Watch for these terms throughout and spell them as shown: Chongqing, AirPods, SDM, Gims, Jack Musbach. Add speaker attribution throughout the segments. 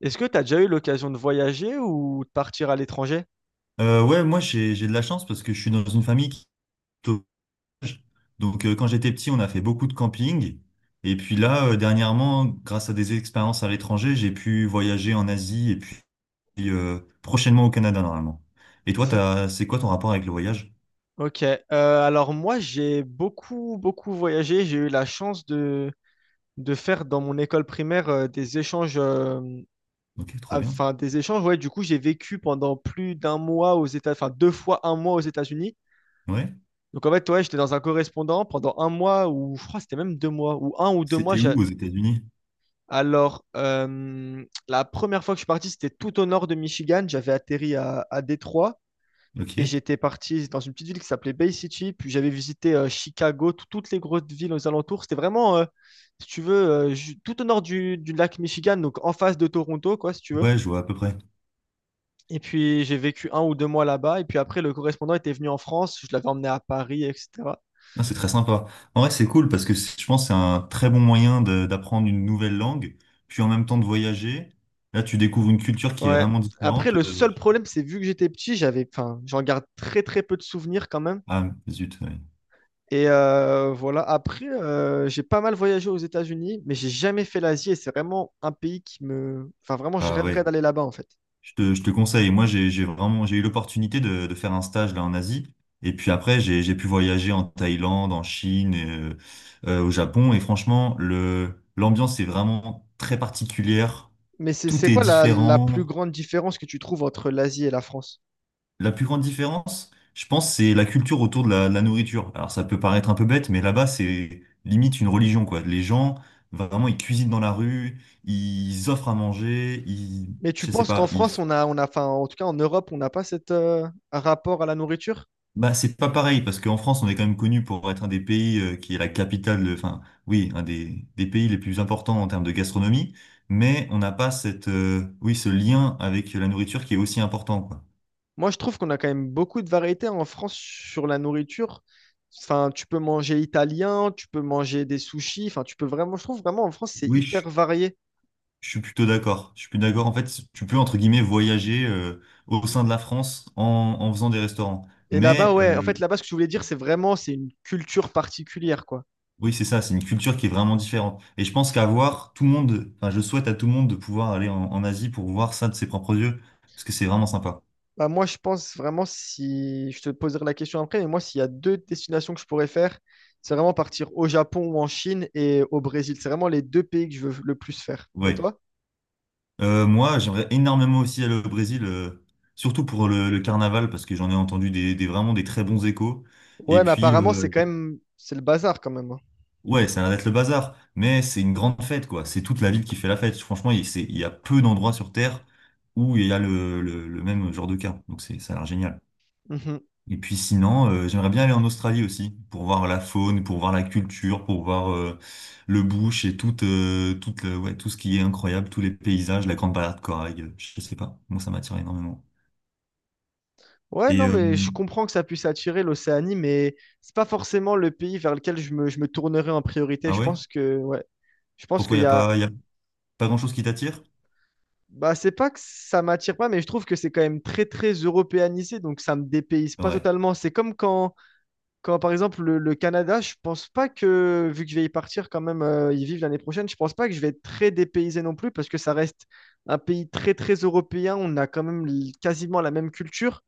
Speaker 1: Est-ce que tu as déjà eu l'occasion de voyager ou de partir à l'étranger?
Speaker 2: Ouais, moi j'ai de la chance parce que je suis dans une famille qui est au village. Donc quand j'étais petit, on a fait beaucoup de camping. Et puis là, dernièrement, grâce à des expériences à l'étranger, j'ai pu voyager en Asie et puis prochainement au Canada normalement. Et toi,
Speaker 1: C'est-
Speaker 2: t'as, c'est quoi ton rapport avec le voyage?
Speaker 1: Ok. Alors moi, j'ai beaucoup, beaucoup voyagé. J'ai eu la chance de faire dans mon école primaire des échanges.
Speaker 2: Ok, trop bien.
Speaker 1: Enfin, des échanges, ouais. Du coup, j'ai vécu pendant plus d'un mois aux États, enfin deux fois un mois aux États-Unis.
Speaker 2: Ouais.
Speaker 1: Donc en fait, ouais, j'étais dans un correspondant pendant un mois ou je crois que c'était même deux mois ou un ou deux mois.
Speaker 2: C'était où aux États-Unis?
Speaker 1: Alors la première fois que je suis parti, c'était tout au nord de Michigan. J'avais atterri à Détroit et
Speaker 2: Ok.
Speaker 1: j'étais parti dans une petite ville qui s'appelait Bay City. Puis j'avais visité Chicago, toutes les grosses villes aux alentours. C'était vraiment, si tu veux, tout au nord du lac Michigan, donc en face de Toronto, quoi, si tu veux.
Speaker 2: Ouais, je vois à peu près.
Speaker 1: Et puis j'ai vécu un ou deux mois là-bas. Et puis après, le correspondant était venu en France. Je l'avais emmené à Paris, etc.
Speaker 2: Ah, c'est très sympa. En vrai, c'est cool parce que je pense que c'est un très bon moyen d'apprendre une nouvelle langue, puis en même temps de voyager. Là, tu découvres une culture qui est
Speaker 1: Ouais.
Speaker 2: vraiment
Speaker 1: Après,
Speaker 2: différente.
Speaker 1: le seul problème, c'est vu que j'étais petit, j'avais, enfin, j'en garde très très peu de souvenirs quand même.
Speaker 2: Ah, zut. Ouais.
Speaker 1: Et voilà. Après, j'ai pas mal voyagé aux États-Unis, mais j'ai jamais fait l'Asie et c'est vraiment un pays qui me, enfin, vraiment, je
Speaker 2: Ah ouais,
Speaker 1: rêverais d'aller là-bas en fait.
Speaker 2: je te conseille. Moi, j'ai vraiment, j'ai eu l'opportunité de faire un stage là en Asie. Et puis après, j'ai pu voyager en Thaïlande, en Chine, au Japon. Et franchement, l'ambiance est vraiment très particulière.
Speaker 1: Mais c'est
Speaker 2: Tout est
Speaker 1: quoi la, la plus
Speaker 2: différent.
Speaker 1: grande différence que tu trouves entre l'Asie et la France?
Speaker 2: La plus grande différence, je pense, c'est la culture autour de la nourriture. Alors ça peut paraître un peu bête, mais là-bas, c'est limite une religion, quoi. Les gens, vraiment, ils cuisinent dans la rue, ils offrent à manger, ils,
Speaker 1: Mais tu
Speaker 2: je sais
Speaker 1: penses qu'en
Speaker 2: pas,
Speaker 1: France, on a, enfin, en tout cas en Europe, on n'a pas cet rapport à la nourriture?
Speaker 2: bah, c'est pas pareil, parce qu'en France, on est quand même connu pour être un des pays qui est la capitale, enfin, oui, un des pays les plus importants en termes de gastronomie, mais on n'a pas cette, oui, ce lien avec la nourriture qui est aussi important, quoi.
Speaker 1: Moi, je trouve qu'on a quand même beaucoup de variétés en France sur la nourriture. Enfin, tu peux manger italien, tu peux manger des sushis. Enfin, tu peux vraiment, je trouve vraiment en France, c'est
Speaker 2: Oui,
Speaker 1: hyper varié.
Speaker 2: je suis plutôt d'accord. Je suis plus d'accord. En fait, tu peux, entre guillemets, voyager au sein de la France en faisant des restaurants.
Speaker 1: Et là-bas,
Speaker 2: Mais
Speaker 1: ouais, en fait, là-bas, ce que je voulais dire, c'est vraiment, c'est une culture particulière, quoi.
Speaker 2: oui, c'est ça, c'est une culture qui est vraiment différente. Et je pense qu'à voir tout le monde, enfin, je souhaite à tout le monde de pouvoir aller en Asie pour voir ça de ses propres yeux, parce que c'est vraiment sympa.
Speaker 1: Bah, moi, je pense vraiment, si je te poserai la question après, mais moi, s'il y a deux destinations que je pourrais faire, c'est vraiment partir au Japon ou en Chine et au Brésil. C'est vraiment les deux pays que je veux le plus faire. Et
Speaker 2: Ouais.
Speaker 1: toi?
Speaker 2: Moi, j'aimerais énormément aussi aller au Brésil, surtout pour le carnaval, parce que j'en ai entendu vraiment des très bons échos. Et
Speaker 1: Ouais, mais
Speaker 2: puis,
Speaker 1: apparemment,
Speaker 2: euh,
Speaker 1: c'est quand même, c'est le bazar quand même, hein.
Speaker 2: Ouais, ça arrête le bazar, mais c'est une grande fête, quoi. C'est toute la ville qui fait la fête. Franchement, il y a peu d'endroits sur Terre où il y a le même genre de cas. Donc c'est, ça a l'air génial.
Speaker 1: Mhm.
Speaker 2: Et puis sinon, j'aimerais bien aller en Australie aussi, pour voir la faune, pour voir la culture, pour voir le bush et tout, ouais, tout ce qui est incroyable, tous les paysages, la grande balade de corail, je sais pas. Moi, ça m'attire énormément.
Speaker 1: Ouais,
Speaker 2: Et
Speaker 1: non,
Speaker 2: euh,
Speaker 1: mais je comprends que ça puisse attirer l'Océanie, mais c'est pas forcément le pays vers lequel je me tournerai en priorité.
Speaker 2: ah
Speaker 1: Je
Speaker 2: ouais?
Speaker 1: pense que, ouais, je pense
Speaker 2: Pourquoi
Speaker 1: qu'il y a.
Speaker 2: il y a pas grand-chose qui t'attire?
Speaker 1: Bah, c'est pas que ça m'attire pas, mais je trouve que c'est quand même très, très européanisé, donc ça me dépayse pas
Speaker 2: Ouais,
Speaker 1: totalement. C'est comme quand, quand par exemple, le Canada, je pense pas que, vu que je vais y partir quand même, y vivre l'année prochaine, je pense pas que je vais être très dépaysé non plus, parce que ça reste un pays très, très européen. On a quand même quasiment la même culture.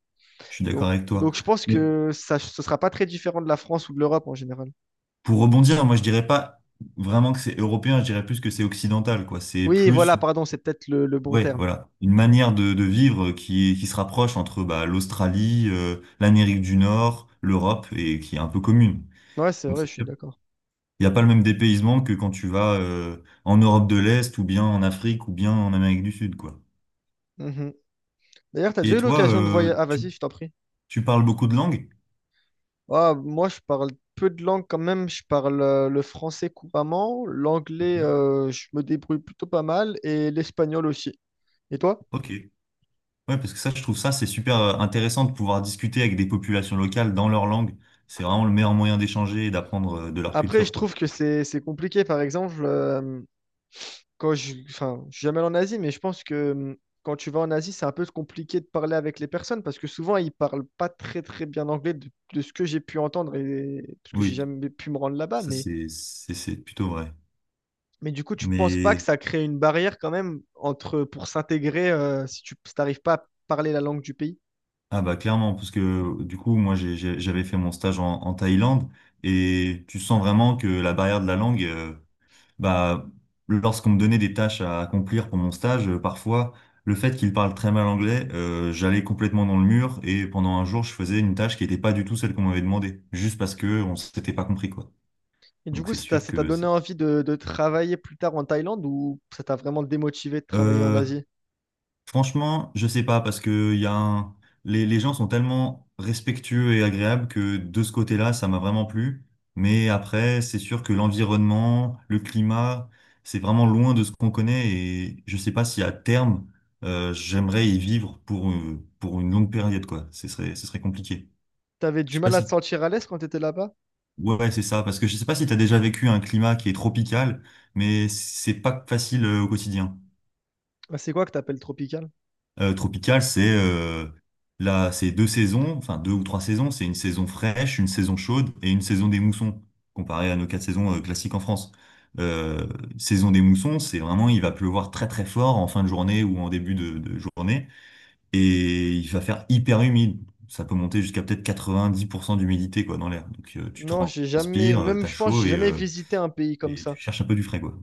Speaker 2: je suis d'accord avec toi.
Speaker 1: Donc je pense
Speaker 2: Mais
Speaker 1: que ça, ce sera pas très différent de la France ou de l'Europe en général.
Speaker 2: pour rebondir, moi je dirais pas vraiment que c'est européen, je dirais plus que c'est occidental, quoi. C'est
Speaker 1: Oui, voilà,
Speaker 2: plus,
Speaker 1: pardon, c'est peut-être le bon
Speaker 2: ouais,
Speaker 1: terme.
Speaker 2: voilà, une manière de vivre qui se rapproche entre bah, l'Australie, l'Amérique du Nord, l'Europe et qui est un peu commune.
Speaker 1: Ouais, c'est
Speaker 2: Donc
Speaker 1: vrai, je
Speaker 2: c'est
Speaker 1: suis
Speaker 2: sûr,
Speaker 1: d'accord.
Speaker 2: il n'y a pas le même dépaysement que quand tu vas en Europe de l'Est ou bien en Afrique ou bien en Amérique du Sud, quoi.
Speaker 1: Mhm. D'ailleurs, t'as déjà
Speaker 2: Et
Speaker 1: eu
Speaker 2: toi,
Speaker 1: l'occasion de voyager. Ah, vas-y, je t'en prie.
Speaker 2: tu parles beaucoup de langues?
Speaker 1: Ah, moi, je parle peu de langues quand même. Je parle le français couramment,
Speaker 2: Ok.
Speaker 1: l'anglais, je me débrouille plutôt pas mal, et l'espagnol aussi. Et toi?
Speaker 2: Ok. Ouais, parce que ça, je trouve ça, c'est super intéressant de pouvoir discuter avec des populations locales dans leur langue. C'est vraiment le meilleur moyen d'échanger et d'apprendre de leur
Speaker 1: Après, je
Speaker 2: culture, quoi.
Speaker 1: trouve que c'est compliqué. Par exemple, quand je, enfin, je suis jamais allé en Asie, mais je pense que quand tu vas en Asie, c'est un peu compliqué de parler avec les personnes parce que souvent, ils parlent pas très très bien anglais de ce que j'ai pu entendre et parce que j'ai
Speaker 2: Oui,
Speaker 1: jamais pu me rendre là-bas.
Speaker 2: ça, c'est plutôt vrai.
Speaker 1: Mais du coup, tu penses pas que
Speaker 2: Mais,
Speaker 1: ça crée une barrière quand même entre pour s'intégrer si tu n'arrives pas à parler la langue du pays?
Speaker 2: ah bah, clairement, parce que du coup, moi, j'avais fait mon stage en Thaïlande et tu sens vraiment que la barrière de la langue, bah, lorsqu'on me donnait des tâches à accomplir pour mon stage, parfois, le fait qu'il parle très mal anglais, j'allais complètement dans le mur et pendant un jour, je faisais une tâche qui n'était pas du tout celle qu'on m'avait demandé, juste parce que on s'était pas compris, quoi.
Speaker 1: Et du
Speaker 2: Donc
Speaker 1: coup,
Speaker 2: c'est
Speaker 1: ça t'a
Speaker 2: sûr
Speaker 1: ça t'a
Speaker 2: que
Speaker 1: donné
Speaker 2: c'est.
Speaker 1: envie de travailler plus tard en Thaïlande ou ça t'a vraiment démotivé de travailler en
Speaker 2: Euh,
Speaker 1: Asie?
Speaker 2: Franchement, je sais pas parce que les gens sont tellement respectueux et agréables que de ce côté-là, ça m'a vraiment plu. Mais après, c'est sûr que l'environnement, le climat, c'est vraiment loin de ce qu'on connaît et je sais pas si à terme, j'aimerais y vivre pour une longue période, quoi. Ce serait compliqué.
Speaker 1: T'avais
Speaker 2: Je
Speaker 1: du
Speaker 2: sais pas
Speaker 1: mal à te
Speaker 2: si,
Speaker 1: sentir à l'aise quand t'étais là-bas?
Speaker 2: ouais, ouais, c'est ça parce que je sais pas si tu as déjà vécu un climat qui est tropical, mais c'est pas facile au quotidien.
Speaker 1: Ah, c'est quoi que t'appelles tropical?
Speaker 2: Tropical, c'est là, c'est deux saisons, enfin deux ou trois saisons. C'est une saison fraîche, une saison chaude et une saison des moussons, comparé à nos quatre saisons classiques en France. Euh, Saison des moussons, c'est vraiment, il va pleuvoir très très fort en fin de journée ou en début de journée et il va faire hyper humide. Ça peut monter jusqu'à peut-être 90% d'humidité quoi dans l'air. Donc tu
Speaker 1: Non, j'ai jamais,
Speaker 2: transpires,
Speaker 1: même
Speaker 2: t'as
Speaker 1: je pense,
Speaker 2: chaud
Speaker 1: j'ai jamais visité un pays comme
Speaker 2: et tu
Speaker 1: ça.
Speaker 2: cherches un peu du frais quoi.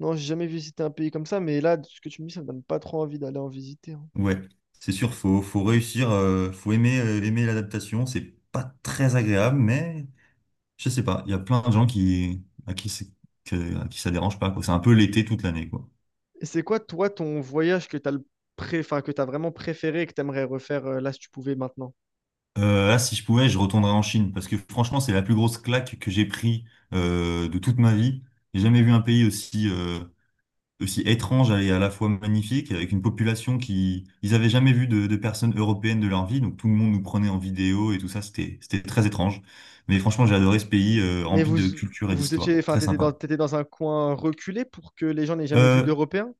Speaker 1: Non, j'ai jamais visité un pays comme ça, mais là, ce que tu me dis, ça me donne pas trop envie d'aller en visiter, hein.
Speaker 2: Ouais, c'est sûr, faut réussir, faut aimer, aimer l'adaptation. C'est pas très agréable, mais je sais pas, il y a plein de gens qui, à qui c'est, à qui ça dérange pas, quoi. C'est un peu l'été toute l'année, quoi.
Speaker 1: Et c'est quoi, toi, ton voyage que t'as le enfin, que t'as vraiment préféré et que t'aimerais refaire là si tu pouvais maintenant?
Speaker 2: Là, si je pouvais, je retournerais en Chine, parce que franchement, c'est la plus grosse claque que j'ai pris de toute ma vie. J'ai jamais vu un pays aussi, aussi étrange et à la fois magnifique, avec une population qui, ils avaient jamais vu de personnes européennes de leur vie, donc tout le monde nous prenait en vidéo et tout ça, c'était très étrange. Mais franchement, j'ai adoré ce pays
Speaker 1: Mais
Speaker 2: rempli
Speaker 1: vous,
Speaker 2: de culture et
Speaker 1: vous étiez,
Speaker 2: d'histoire,
Speaker 1: enfin,
Speaker 2: très sympa.
Speaker 1: t'étais dans un coin reculé pour que les gens n'aient jamais vu
Speaker 2: Euh,
Speaker 1: d'Européens.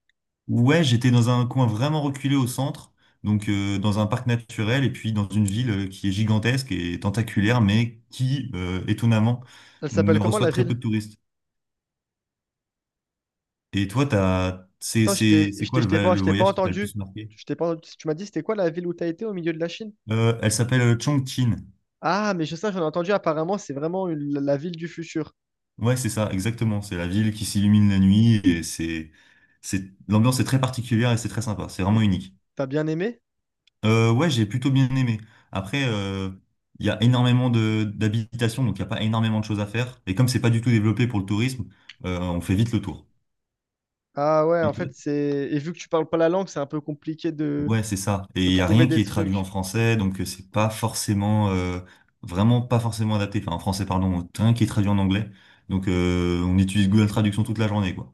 Speaker 2: ouais, j'étais dans un coin vraiment reculé au centre, donc dans un parc naturel et puis dans une ville qui est gigantesque et tentaculaire, mais qui, étonnamment,
Speaker 1: Elle s'appelle
Speaker 2: ne
Speaker 1: comment
Speaker 2: reçoit
Speaker 1: la
Speaker 2: très peu
Speaker 1: ville?
Speaker 2: de touristes. Et toi,
Speaker 1: Attends,
Speaker 2: c'est quoi le, le
Speaker 1: je t'ai pas
Speaker 2: voyage qui t'a le plus
Speaker 1: entendu.
Speaker 2: marqué?
Speaker 1: Je t'ai pas, tu m'as dit c'était quoi la ville où t'as été au milieu de la Chine?
Speaker 2: Elle s'appelle Chongqing.
Speaker 1: Ah, mais je sais, j'en ai entendu. Apparemment, c'est vraiment la ville du futur.
Speaker 2: Ouais, c'est ça, exactement. C'est la ville qui s'illumine la nuit et l'ambiance est très particulière et c'est très sympa. C'est vraiment
Speaker 1: Et
Speaker 2: unique.
Speaker 1: t'as bien aimé?
Speaker 2: Ouais, j'ai plutôt bien aimé. Après, il y a énormément de d'habitations, donc il n'y a pas énormément de choses à faire. Et comme c'est pas du tout développé pour le tourisme, on fait vite le tour.
Speaker 1: Ah ouais,
Speaker 2: Et
Speaker 1: en
Speaker 2: toi
Speaker 1: fait, c'est, et vu que tu parles pas la langue, c'est un peu compliqué
Speaker 2: ouais, c'est ça. Et
Speaker 1: de
Speaker 2: il y a
Speaker 1: trouver
Speaker 2: rien qui
Speaker 1: des
Speaker 2: est traduit en
Speaker 1: trucs.
Speaker 2: français, donc c'est pas forcément, vraiment pas forcément adapté. Enfin, en français, pardon, rien qui est traduit en anglais. Donc, on utilise Google Traduction toute la journée, quoi.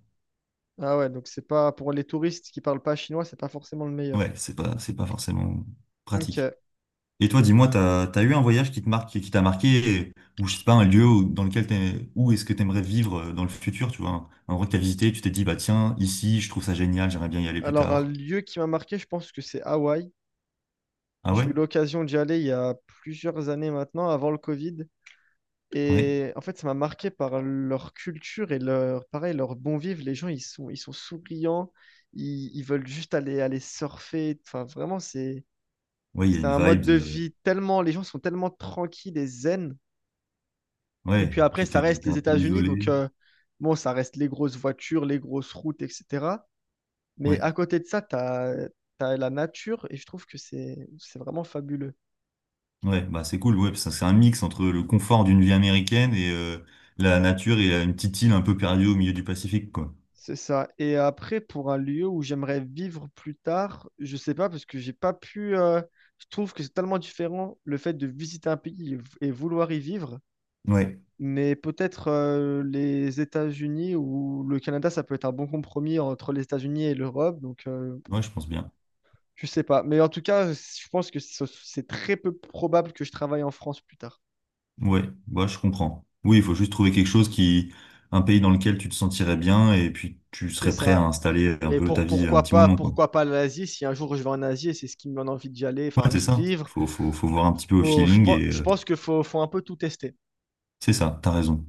Speaker 1: Ah ouais, donc c'est pas pour les touristes qui parlent pas chinois, c'est pas forcément le meilleur.
Speaker 2: Ouais, c'est pas forcément pratique.
Speaker 1: Ok.
Speaker 2: Et toi, dis-moi, t'as eu un voyage qui te marque, qui t'a marqué, ou je sais pas, un dans lequel où est-ce que t'aimerais vivre dans le futur, tu vois, un endroit que t'as visité, tu t'es dit, bah tiens, ici, je trouve ça génial, j'aimerais bien y aller plus
Speaker 1: Alors un
Speaker 2: tard.
Speaker 1: lieu qui m'a marqué, je pense que c'est Hawaï.
Speaker 2: Ah
Speaker 1: J'ai
Speaker 2: ouais?
Speaker 1: eu l'occasion d'y aller il y a plusieurs années maintenant, avant le Covid.
Speaker 2: Ouais.
Speaker 1: Et en fait, ça m'a marqué par leur culture et leur, pareil, leur bon vivre. Les gens, ils sont souriants, ils veulent juste aller, aller surfer. Enfin, vraiment,
Speaker 2: Ouais, il y a
Speaker 1: c'est
Speaker 2: une
Speaker 1: un
Speaker 2: vibe
Speaker 1: mode de
Speaker 2: de...
Speaker 1: vie tellement, les gens sont tellement tranquilles et zen. Et
Speaker 2: Ouais,
Speaker 1: puis après,
Speaker 2: puis
Speaker 1: ça reste
Speaker 2: t'es
Speaker 1: les
Speaker 2: un peu
Speaker 1: États-Unis, donc
Speaker 2: isolé.
Speaker 1: bon, ça reste les grosses voitures, les grosses routes, etc. Mais
Speaker 2: Ouais,
Speaker 1: à côté de ça, tu as, la nature et je trouve que c'est vraiment fabuleux.
Speaker 2: ouais, bah c'est cool, ouais, parce que c'est un mix entre le confort d'une vie américaine et la nature et une petite île un peu perdue au milieu du Pacifique, quoi.
Speaker 1: C'est ça. Et après, pour un lieu où j'aimerais vivre plus tard, je sais pas, parce que j'ai pas pu. Je trouve que c'est tellement différent le fait de visiter un pays et vouloir y vivre.
Speaker 2: Ouais,
Speaker 1: Mais peut-être les États-Unis ou le Canada, ça peut être un bon compromis entre les États-Unis et l'Europe. Donc,
Speaker 2: ouais, je pense bien.
Speaker 1: je sais pas. Mais en tout cas, je pense que c'est très peu probable que je travaille en France plus tard.
Speaker 2: Ouais, ouais, je comprends. Oui, il faut juste trouver quelque chose qui, un pays dans lequel tu te sentirais bien et puis tu
Speaker 1: C'est
Speaker 2: serais prêt à
Speaker 1: ça.
Speaker 2: installer un
Speaker 1: Et
Speaker 2: peu ta
Speaker 1: pour
Speaker 2: vie un petit moment, quoi.
Speaker 1: pourquoi pas l'Asie, si un jour je vais en Asie, et c'est ce qui me donne envie d'y aller,
Speaker 2: Ouais,
Speaker 1: enfin
Speaker 2: c'est
Speaker 1: d'y
Speaker 2: ça.
Speaker 1: vivre.
Speaker 2: Faut faut voir un petit peu au feeling et
Speaker 1: Je pense qu'il faut, faut un peu tout tester.
Speaker 2: c'est ça, t'as raison.